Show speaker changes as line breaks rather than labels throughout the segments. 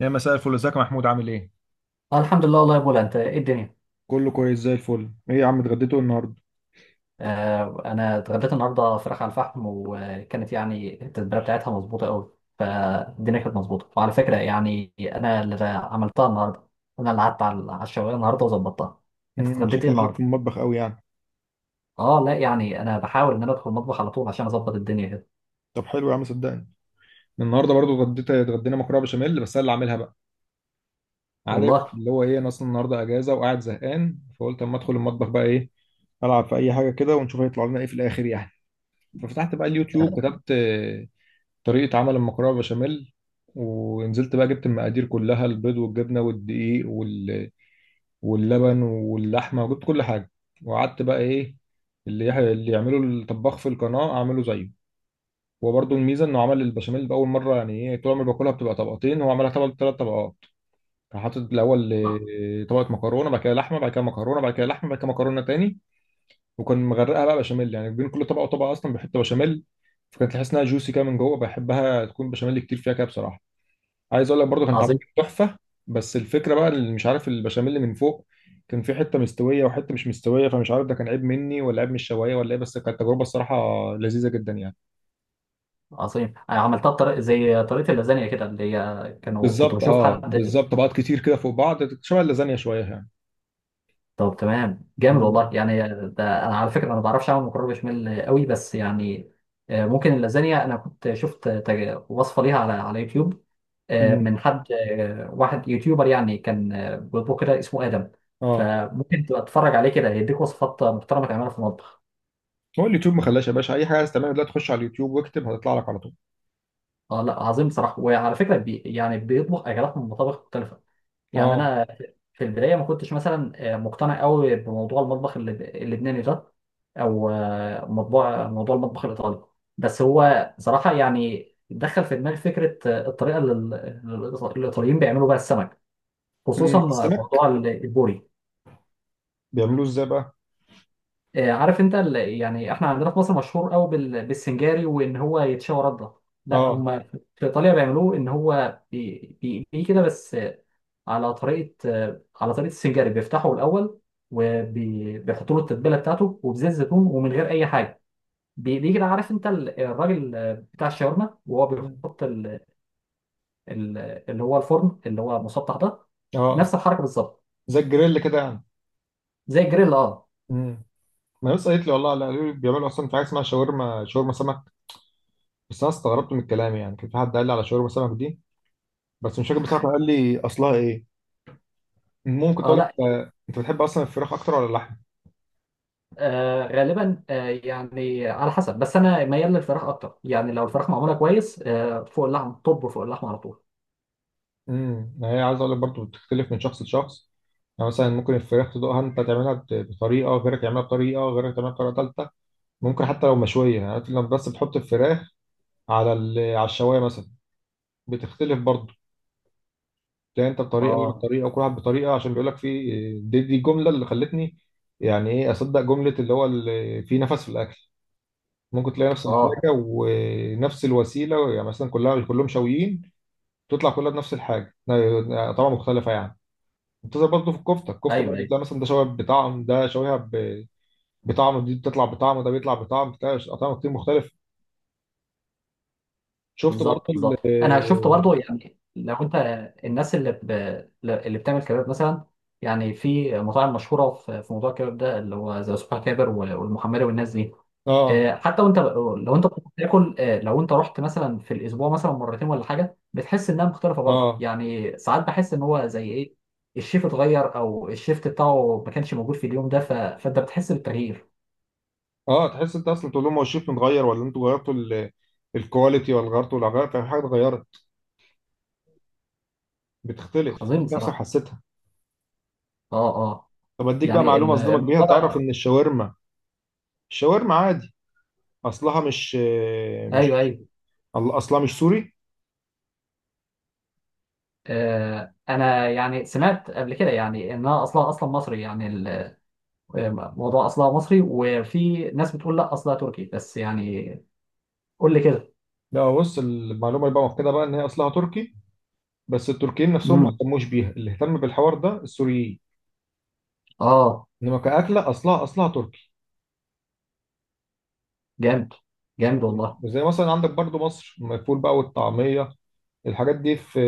يا مساء الفل، ازيك يا محمود؟ عامل ايه؟
الحمد لله والله يا بولا انت ايه الدنيا.
كله كويس زي الفل. ايه يا عم اتغديتوا ايه النهارده؟
آه انا اتغديت النهارده فراخ على الفحم، وكانت يعني التتبيله بتاعتها مظبوطه قوي. فالدنيا كانت مظبوطه، وعلى فكره يعني انا اللي عملتها النهارده. انا اللي قعدت على الشوايه النهارده وظبطتها. انت اتغديت ايه
شكلك ليك في
النهارده؟
المطبخ قوي يعني.
اه لا، يعني انا بحاول ان انا ادخل المطبخ على طول عشان اظبط الدنيا كده.
طب حلو يا عم صدقني. النهارده برضو اتغدينا مكرونه بشاميل، بس انا اللي عاملها بقى. عارف
والله.
اللي هو ايه؟ انا اصلا النهارده اجازه وقاعد زهقان، فقلت اما ادخل المطبخ بقى، ايه العب في اي حاجه كده ونشوف هيطلع لنا ايه في الاخر يعني. ففتحت بقى اليوتيوب كتبت طريقه عمل المكرونه بشاميل. ونزلت بقى، جبت المقادير كلها، البيض والجبنه والدقيق واللبن واللحمه، وجبت كل حاجه. وقعدت بقى ايه، اللي يعمله الطباخ في القناه اعمله زيه. هو برضه الميزه انه عمل البشاميل باول مره. يعني ايه، طول عمري باكلها بتبقى طبقتين، هو عملها طبق ثلاث طبقات. كان حاطط الاول
آه،
طبقه مكرونه، بعد كده لحمه، بعد كده مكرونه، بعد كده لحمه، بعد كده مكرونه تاني. وكان مغرقها بقى بشاميل، يعني بين كل طبقه وطبقه اصلا بيحط بشاميل. فكانت تحس انها جوسي كده من جوه. بحبها تكون بشاميل كتير فيها كده بصراحه. عايز اقول لك برضو كان طعمها
عظيم
كان تحفه. بس الفكره بقى اللي مش عارف، البشاميل اللي من فوق كان في حته مستويه وحته مش مستويه، فمش عارف ده كان عيب مني ولا عيب من الشوايه ولا ايه، بس كانت تجربه الصراحه لذيذه جدا يعني.
عظيم. انا عملتها بطريقه زي طريقه اللازانيا كده، اللي هي كانوا كنت
بالظبط،
بشوف
اه
حد.
بالظبط طبقات كتير كده فوق بعض، شبه اللازانيا شويه يعني.
طب تمام، جامد
مم.
والله يعني. ده انا على فكره انا ما بعرفش اعمل مكرونه بشاميل قوي، بس يعني ممكن اللازانيا، انا كنت شفت وصفه ليها على يوتيوب.
مم.
من حد، واحد يوتيوبر يعني، كان بيطبخ كده، اسمه ادم.
اه.
فممكن تبقى تتفرج عليه كده، هيديك وصفات محترمه تعملها في المطبخ.
هو اليوتيوب ما خلاش يا باشا، اي حاجه عايز تعملها دلوقتي تخش على اليوتيوب واكتب هتطلع لك على طول.
اه لا عظيم بصراحه. وعلى فكره بي يعني بيطبخ اكلات من مطابخ مختلفه. يعني
اه.
انا في البدايه ما كنتش مثلا مقتنع قوي بموضوع المطبخ اللبناني ده، او موضوع المطبخ الايطالي. بس هو صراحه يعني دخل في دماغي فكره، الطريقه اللي الايطاليين بيعملوا بيها السمك، خصوصا
مم. السمك،
موضوع البوري.
بيعملوه ازاي بقى؟
عارف انت، يعني احنا عندنا في مصر مشهور قوي بالسنجاري، وان هو يتشوى رده. لا
اه.
هم في ايطاليا بيعملوه ان هو بيقليه كده بس، على طريقه، على طريقه السنجاري، بيفتحه الاول وبيحطوا له التتبيله بتاعته وبزيت زيتون ومن غير اي حاجه. بيجي ده، عارف انت الراجل بتاع الشاورما وهو
مم.
بيحط ال- اللي هو الفرن اللي هو مسطح ده،
اه.
نفس الحركه بالظبط.
زي الجريل كده يعني.
زي الجريل اه.
مم. ما ناس قالت لي والله، لا قالوا لي بيعملوا اصلا في حاجه اسمها شاورما، شاورما سمك. بس انا استغربت من الكلام يعني. كان في حد قال لي على شاورما سمك دي، بس مش فاكر بصراحه كان قال لي اصلها ايه. ممكن
اه
تقول لك
لا،
انت بتحب اصلا الفراخ اكتر ولا اللحم؟
آه غالبا آه يعني على حسب، بس انا ميال للفراخ اكتر. يعني لو الفراخ معموله كويس، آه فوق اللحم، طب فوق اللحم على طول.
هي عايز اقول لك برضه بتختلف من شخص لشخص. يعني مثلا ممكن الفراخ تدوقها انت تعملها بطريقه، غيرك يعملها بطريقه، غيرك تعملها بطريقه ثالثه. ممكن حتى لو مشويه، يعني عارف لما بس بتحط الفراخ على على الشوايه مثلا بتختلف برضه. تلاقي انت بطريقه وأنا
اه
بطريقه وكل واحد بطريقه. عشان بيقول لك في، دي الجمله اللي خلتني يعني ايه اصدق جمله، اللي هو اللي في نفس، في الاكل ممكن تلاقي نفس
اه
الحاجة ونفس الوسيلة، يعني مثلا كلهم شاويين، تطلع كلها بنفس الحاجة، طبعا مختلفة يعني. بتظهر برضه في الكفتة. الكفتة
ايوه
برضه
أيوة.
تلاقي مثلا ده شوية بطعم، ده شوية بطعم، دي بتطلع بطعم، ده بيطلع بطعم، بتلاقي أطعمة كتير مختلفة. شفت برضه
بالظبط بالظبط. انا شفت برضو، يعني لو انت الناس اللي بتعمل كباب مثلا، يعني في مطاعم مشهوره في موضوع الكباب ده، اللي هو زي سوبر كابر والمحمري والناس دي.
اه،
حتى وانت لو انت بتاكل، لو انت رحت مثلا في الاسبوع مثلا مرتين ولا حاجه، بتحس انها مختلفه برضو.
اه،
يعني ساعات بحس ان هو زي ايه، الشيف اتغير، او الشيفت بتاعه ما كانش موجود في اليوم ده، فانت بتحس بالتغيير.
اه. تحس انت اصلا، تقول لهم هو الشيف متغير ولا انتوا غيرتوا الكواليتي، ولا غيرتوا، ولا غيرت في حاجة اتغيرت؟ بتختلف
عظيم
انت نفسك
بصراحه.
حسيتها.
اه اه.
طب اديك بقى
يعني
معلومة اصدمك بيها.
الموضوع
تعرف
ده،
ان الشاورما عادي اصلها مش
ايوه
مش
ايوه.
اصلها مش سوري.
انا يعني سمعت قبل كده يعني انها اصلها اصلا مصري يعني. الموضوع اصلها مصري، وفي ناس بتقول لا اصلها تركي، بس يعني قول لي كده.
لا بص، المعلومه اللي بقى مؤكده بقى ان هي اصلها تركي، بس التركيين نفسهم ما
امم.
اهتموش بيها، اللي اهتم بالحوار ده السوريين.
اه.
انما كاكله اصلها تركي.
جامد، جامد والله.
زي مثلا عندك برضو مصر، الفول بقى والطعميه، الحاجات دي في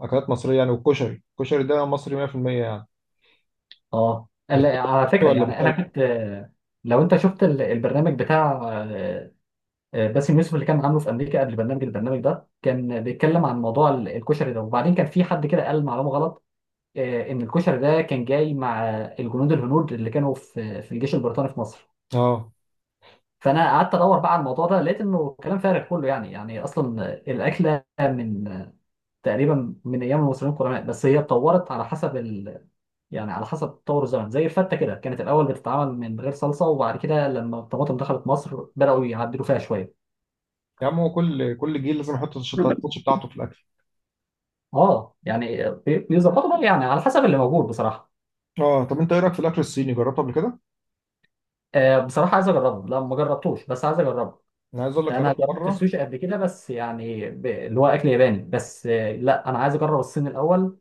اكلات مصريه يعني. والكشري، الكشري ده مصري 100% يعني.
اه
بتفكر
على فكره
ولا مش
يعني انا
قوي؟
كنت، لو انت شفت البرنامج بتاع آه، باسم يوسف اللي كان عامله في امريكا، قبل البرنامج ده كان بيتكلم عن موضوع الكشري ده، وبعدين كان في حد كده قال معلومه غلط، ان الكشري ده كان جاي مع الجنود الهنود اللي كانوا في الجيش البريطاني في مصر.
اه.
فانا قعدت ادور بقى على الموضوع ده، لقيت انه كلام فارغ كله. يعني يعني اصلا الاكله من تقريبا من ايام المصريين القدماء، بس هي اتطورت على حسب يعني على حسب تطور الزمن. زي الفته كده، كانت الاول بتتعمل من غير صلصه، وبعد كده لما الطماطم دخلت مصر بداوا يعدلوا فيها شويه.
يا عم هو كل جيل لازم يحط التاتش بتاعته في الاكل.
اه يعني بيظبطوا بقى يعني على حسب اللي موجود بصراحه.
اه. طب انت ايه رايك في الاكل الصيني، جربته قبل كده؟
بصراحه عايز اجربه، لا ما جربتوش بس عايز اجربه.
انا عايز اقول لك
انا
جربته
جربت
مره.
السوشي قبل كده، بس يعني اللي هو اكل ياباني. بس لا انا عايز اجرب الصين الاول،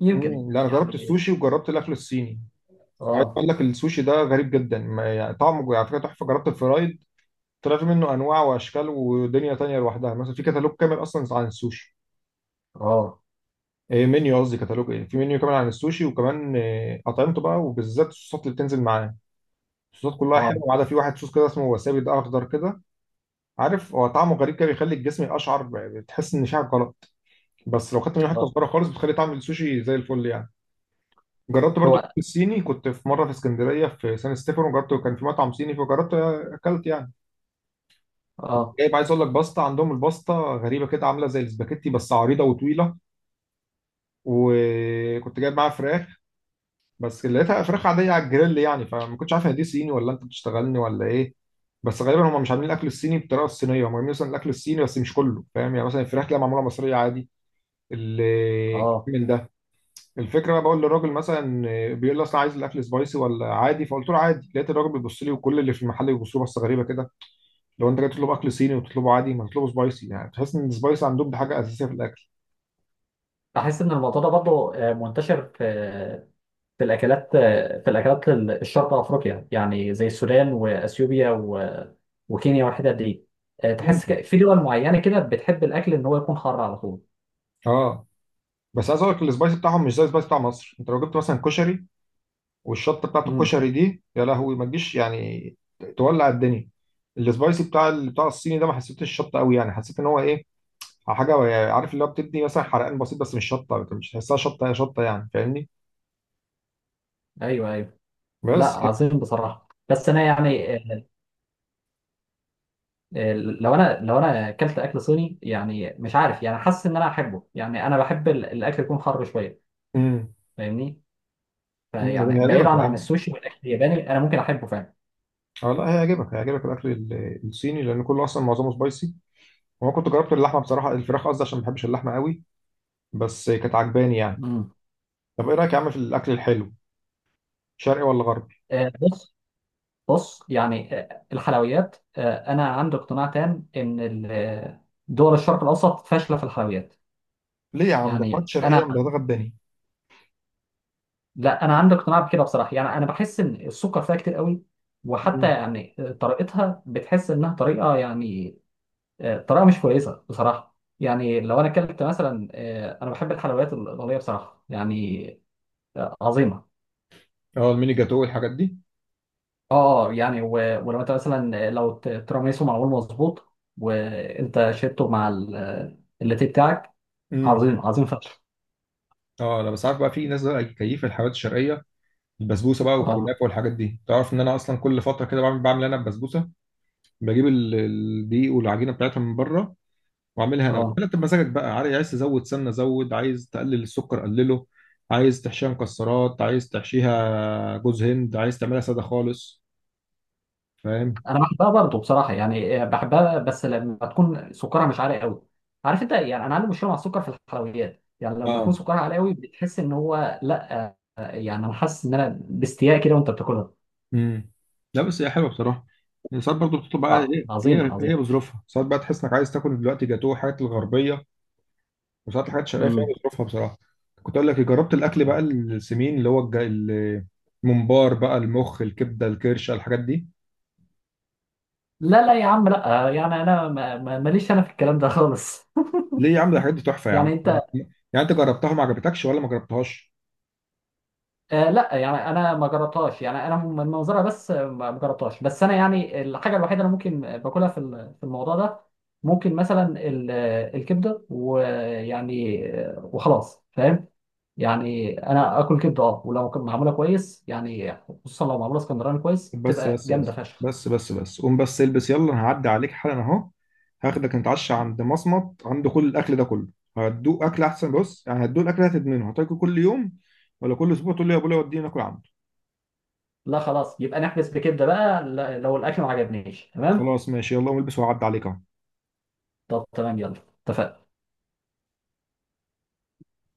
يمكن
مم. لا انا جربت
يعني.
السوشي وجربت الاكل الصيني. عايز
اه
اقول لك السوشي ده غريب جدا، ما يعني طعمه على فكره تحفه. جربت الفرايد، طلع في منه انواع واشكال ودنيا تانية لوحدها. مثلا في كتالوج كامل اصلا عن السوشي.
اه
إيه منيو، قصدي كتالوج، ايه، في منيو كامل عن السوشي، وكمان إيه اطعمته بقى، وبالذات الصوصات اللي بتنزل معاه. الصوصات كلها
اه
حلوه ما عدا في واحد صوص كده اسمه وسابي، ده اخضر كده، عارف. هو طعمه غريب كده، بيخلي الجسم اشعر، بتحس ان شعرك غلط. بس لو خدت منه حته
اه.
صغيره خالص بتخلي طعم السوشي زي الفل يعني. جربت برضو
هو
الصيني، كنت في مره في اسكندريه في سان ستيفانو، جربت، كان في مطعم صيني فجربت اكلت يعني.
اه
جايب، عايز اقول لك، باستا. عندهم الباستا غريبه كده، عامله زي الاسباجيتي بس عريضه وطويله. وكنت جايب معاها فراخ، بس لقيتها فراخ عاديه على الجريل يعني. فما كنتش عارف هي دي صيني ولا انت بتشتغلني ولا ايه. بس غالبا هم مش عاملين الاكل الصيني بالطريقه الصينيه، هم عاملين مثلا الاكل الصيني بس مش كله فاهم. يعني مثلا الفراخ تلاقيها معموله مصريه عادي.
اه.
من ده، الفكره انا بقول للراجل مثلا، بيقول لي اصل عايز الاكل سبايسي ولا عادي، فقلت له عادي. لقيت الراجل بيبص لي، وكل اللي في المحل بيبصوا لي بصه غريبه كده. لو انت جاي تطلب اكل صيني وتطلبه عادي ما تطلبه سبايسي، يعني تحس ان السبايسي عندهم دي حاجه اساسيه في الاكل.
بحس ان الموضوع ده برضه منتشر في في الاكلات، في الاكلات الشرق افريقيا يعني، زي السودان واثيوبيا وكينيا والحتت دي. تحس
ممكن.
في دول معينه كده بتحب الاكل ان هو يكون حار على طول.
اه. بس عايز اقول لك السبايسي بتاعهم مش زي السبايسي بتاع مصر. انت لو جبت مثلا كشري والشطه بتاعت
امم.
الكشري دي، يا لهوي، ما تجيش يعني تولع الدنيا. السبايسي بتاع الصيني ده ما حسيتش الشطه قوي يعني، حسيت ان هو ايه، حاجه يعني، عارف اللي هو، بتدي مثلا حرقان بسيط بس مش شطه، مش تحسها شطه شطه يعني، فاهمني؟
ايوه ايوه. لا
بس.
عظيم بصراحه. بس انا يعني لو انا اكلت اكل صيني، يعني مش عارف، يعني حاسس ان انا احبه. يعني انا بحب الاكل يكون حر شويه،
امم
فاهمني؟ فيعني بعيدا
هيعجبك يا
عن
عم.
السوشي والاكل الياباني، انا ممكن احبه فعلا.
اه لا هيعجبك، هيعجبك الاكل الصيني، لان كله اصلا معظمه سبايسي. وانا كنت جربت اللحمه، بصراحه الفراخ قصدي، عشان ما بحبش اللحمه قوي، بس كانت عجباني يعني.
مم.
طب ايه رايك يا عم في الاكل الحلو، شرقي ولا غربي؟
بص، بص يعني الحلويات، انا عندي اقتناع تام ان دول الشرق الاوسط فاشله في الحلويات.
ليه يا عم، ده حوت
يعني
شرقيه من ده
انا،
غداني.
لا انا عندي اقتناع بكده بصراحه. يعني انا بحس ان السكر فيها كتير قوي، وحتى
مم.
يعني طريقتها بتحس انها طريقه يعني طريقه مش كويسه بصراحه. يعني لو انا اكلت مثلا، انا بحب الحلويات الايطاليه بصراحه. يعني عظيمه.
اه الميني جاتو والحاجات دي.
اه اه يعني، ولو انت مثلا، لو تيراميسو معمول مظبوط وانت شربته مع اللاتيه بتاعك،
امم
عظيم عظيم فشخ.
اه انا بس عارف بقى، في ناس بقى كيف الحلويات الشرقيه، البسبوسه بقى
اه
والكنافه والحاجات دي. تعرف ان انا اصلا كل فتره كده بعمل، انا البسبوسه. بجيب الدقيق والعجينه بتاعتها من بره، واعملها انا.
اه.
انت بمزاجك بقى، عايز تزود سمنه زود، عايز تقلل السكر قلله، عايز تحشيها مكسرات، عايز تحشيها جوز هند، عايز تعملها ساده خالص. فاهم؟
انا بحبها برضه بصراحه يعني، بحبها بس لما تكون سكرها مش عالي قوي. عارف انت، يعني انا عندي مشكله مع السكر في الحلويات. يعني لما يكون
اه.
سكرها عالي قوي بتحس ان هو لا، يعني انا حاسس ان انا باستياء كده وانت بتاكلها.
امم لا بس هي حلوه بصراحه. ساعات برضه بتطلب بقى،
اه
ايه،
عظيم
هي
عظيم.
بظروفها، ساعات بقى تحس انك عايز تاكل دلوقتي جاتوه، حاجات الغربيه. وساعات الحاجات الشرقيه، فيها
مم.
بظروفها بصراحه. كنت اقول لك إيه، جربت الاكل بقى السمين، اللي هو الممبار بقى، المخ، الكبده، الكرشه، الحاجات دي.
لا لا يا عم، لا يعني انا ماليش انا في الكلام ده خالص
ليه يا عم، ده الحاجات دي تحفه يا عم.
يعني انت،
يعني انت جربتها ما عجبتكش ولا ما جربتهاش؟
آه لا يعني انا ما جربتهاش. يعني انا من منظرها بس، ما ما جربتهاش. بس انا يعني الحاجه الوحيده اللي ممكن باكلها في في الموضوع ده، ممكن مثلا الكبده، ويعني وخلاص فاهم. يعني انا اكل كبده اه، ولو كانت معموله كويس يعني، خصوصا لو معموله اسكندراني كويس
بس
تبقى
بس
جامده
بس
فشخ.
بس بس بس، قوم بس البس يلا، انا هعدي عليك حالا اهو. هاخدك نتعشى عند مصمت، عنده كل الاكل ده كله. هتدوق اكل احسن، بص يعني هتدوق الاكل هتدمنه، هتاكل كل يوم ولا كل اسبوع تقول لي يا ابويا وديني ناكل عنده.
لا خلاص، يبقى نحبس بكده بقى. لو الاكل ما عجبنيش تمام.
خلاص ماشي، يلا قوم البس وهعدي عليك اهو.
طب تمام يلا، اتفقنا.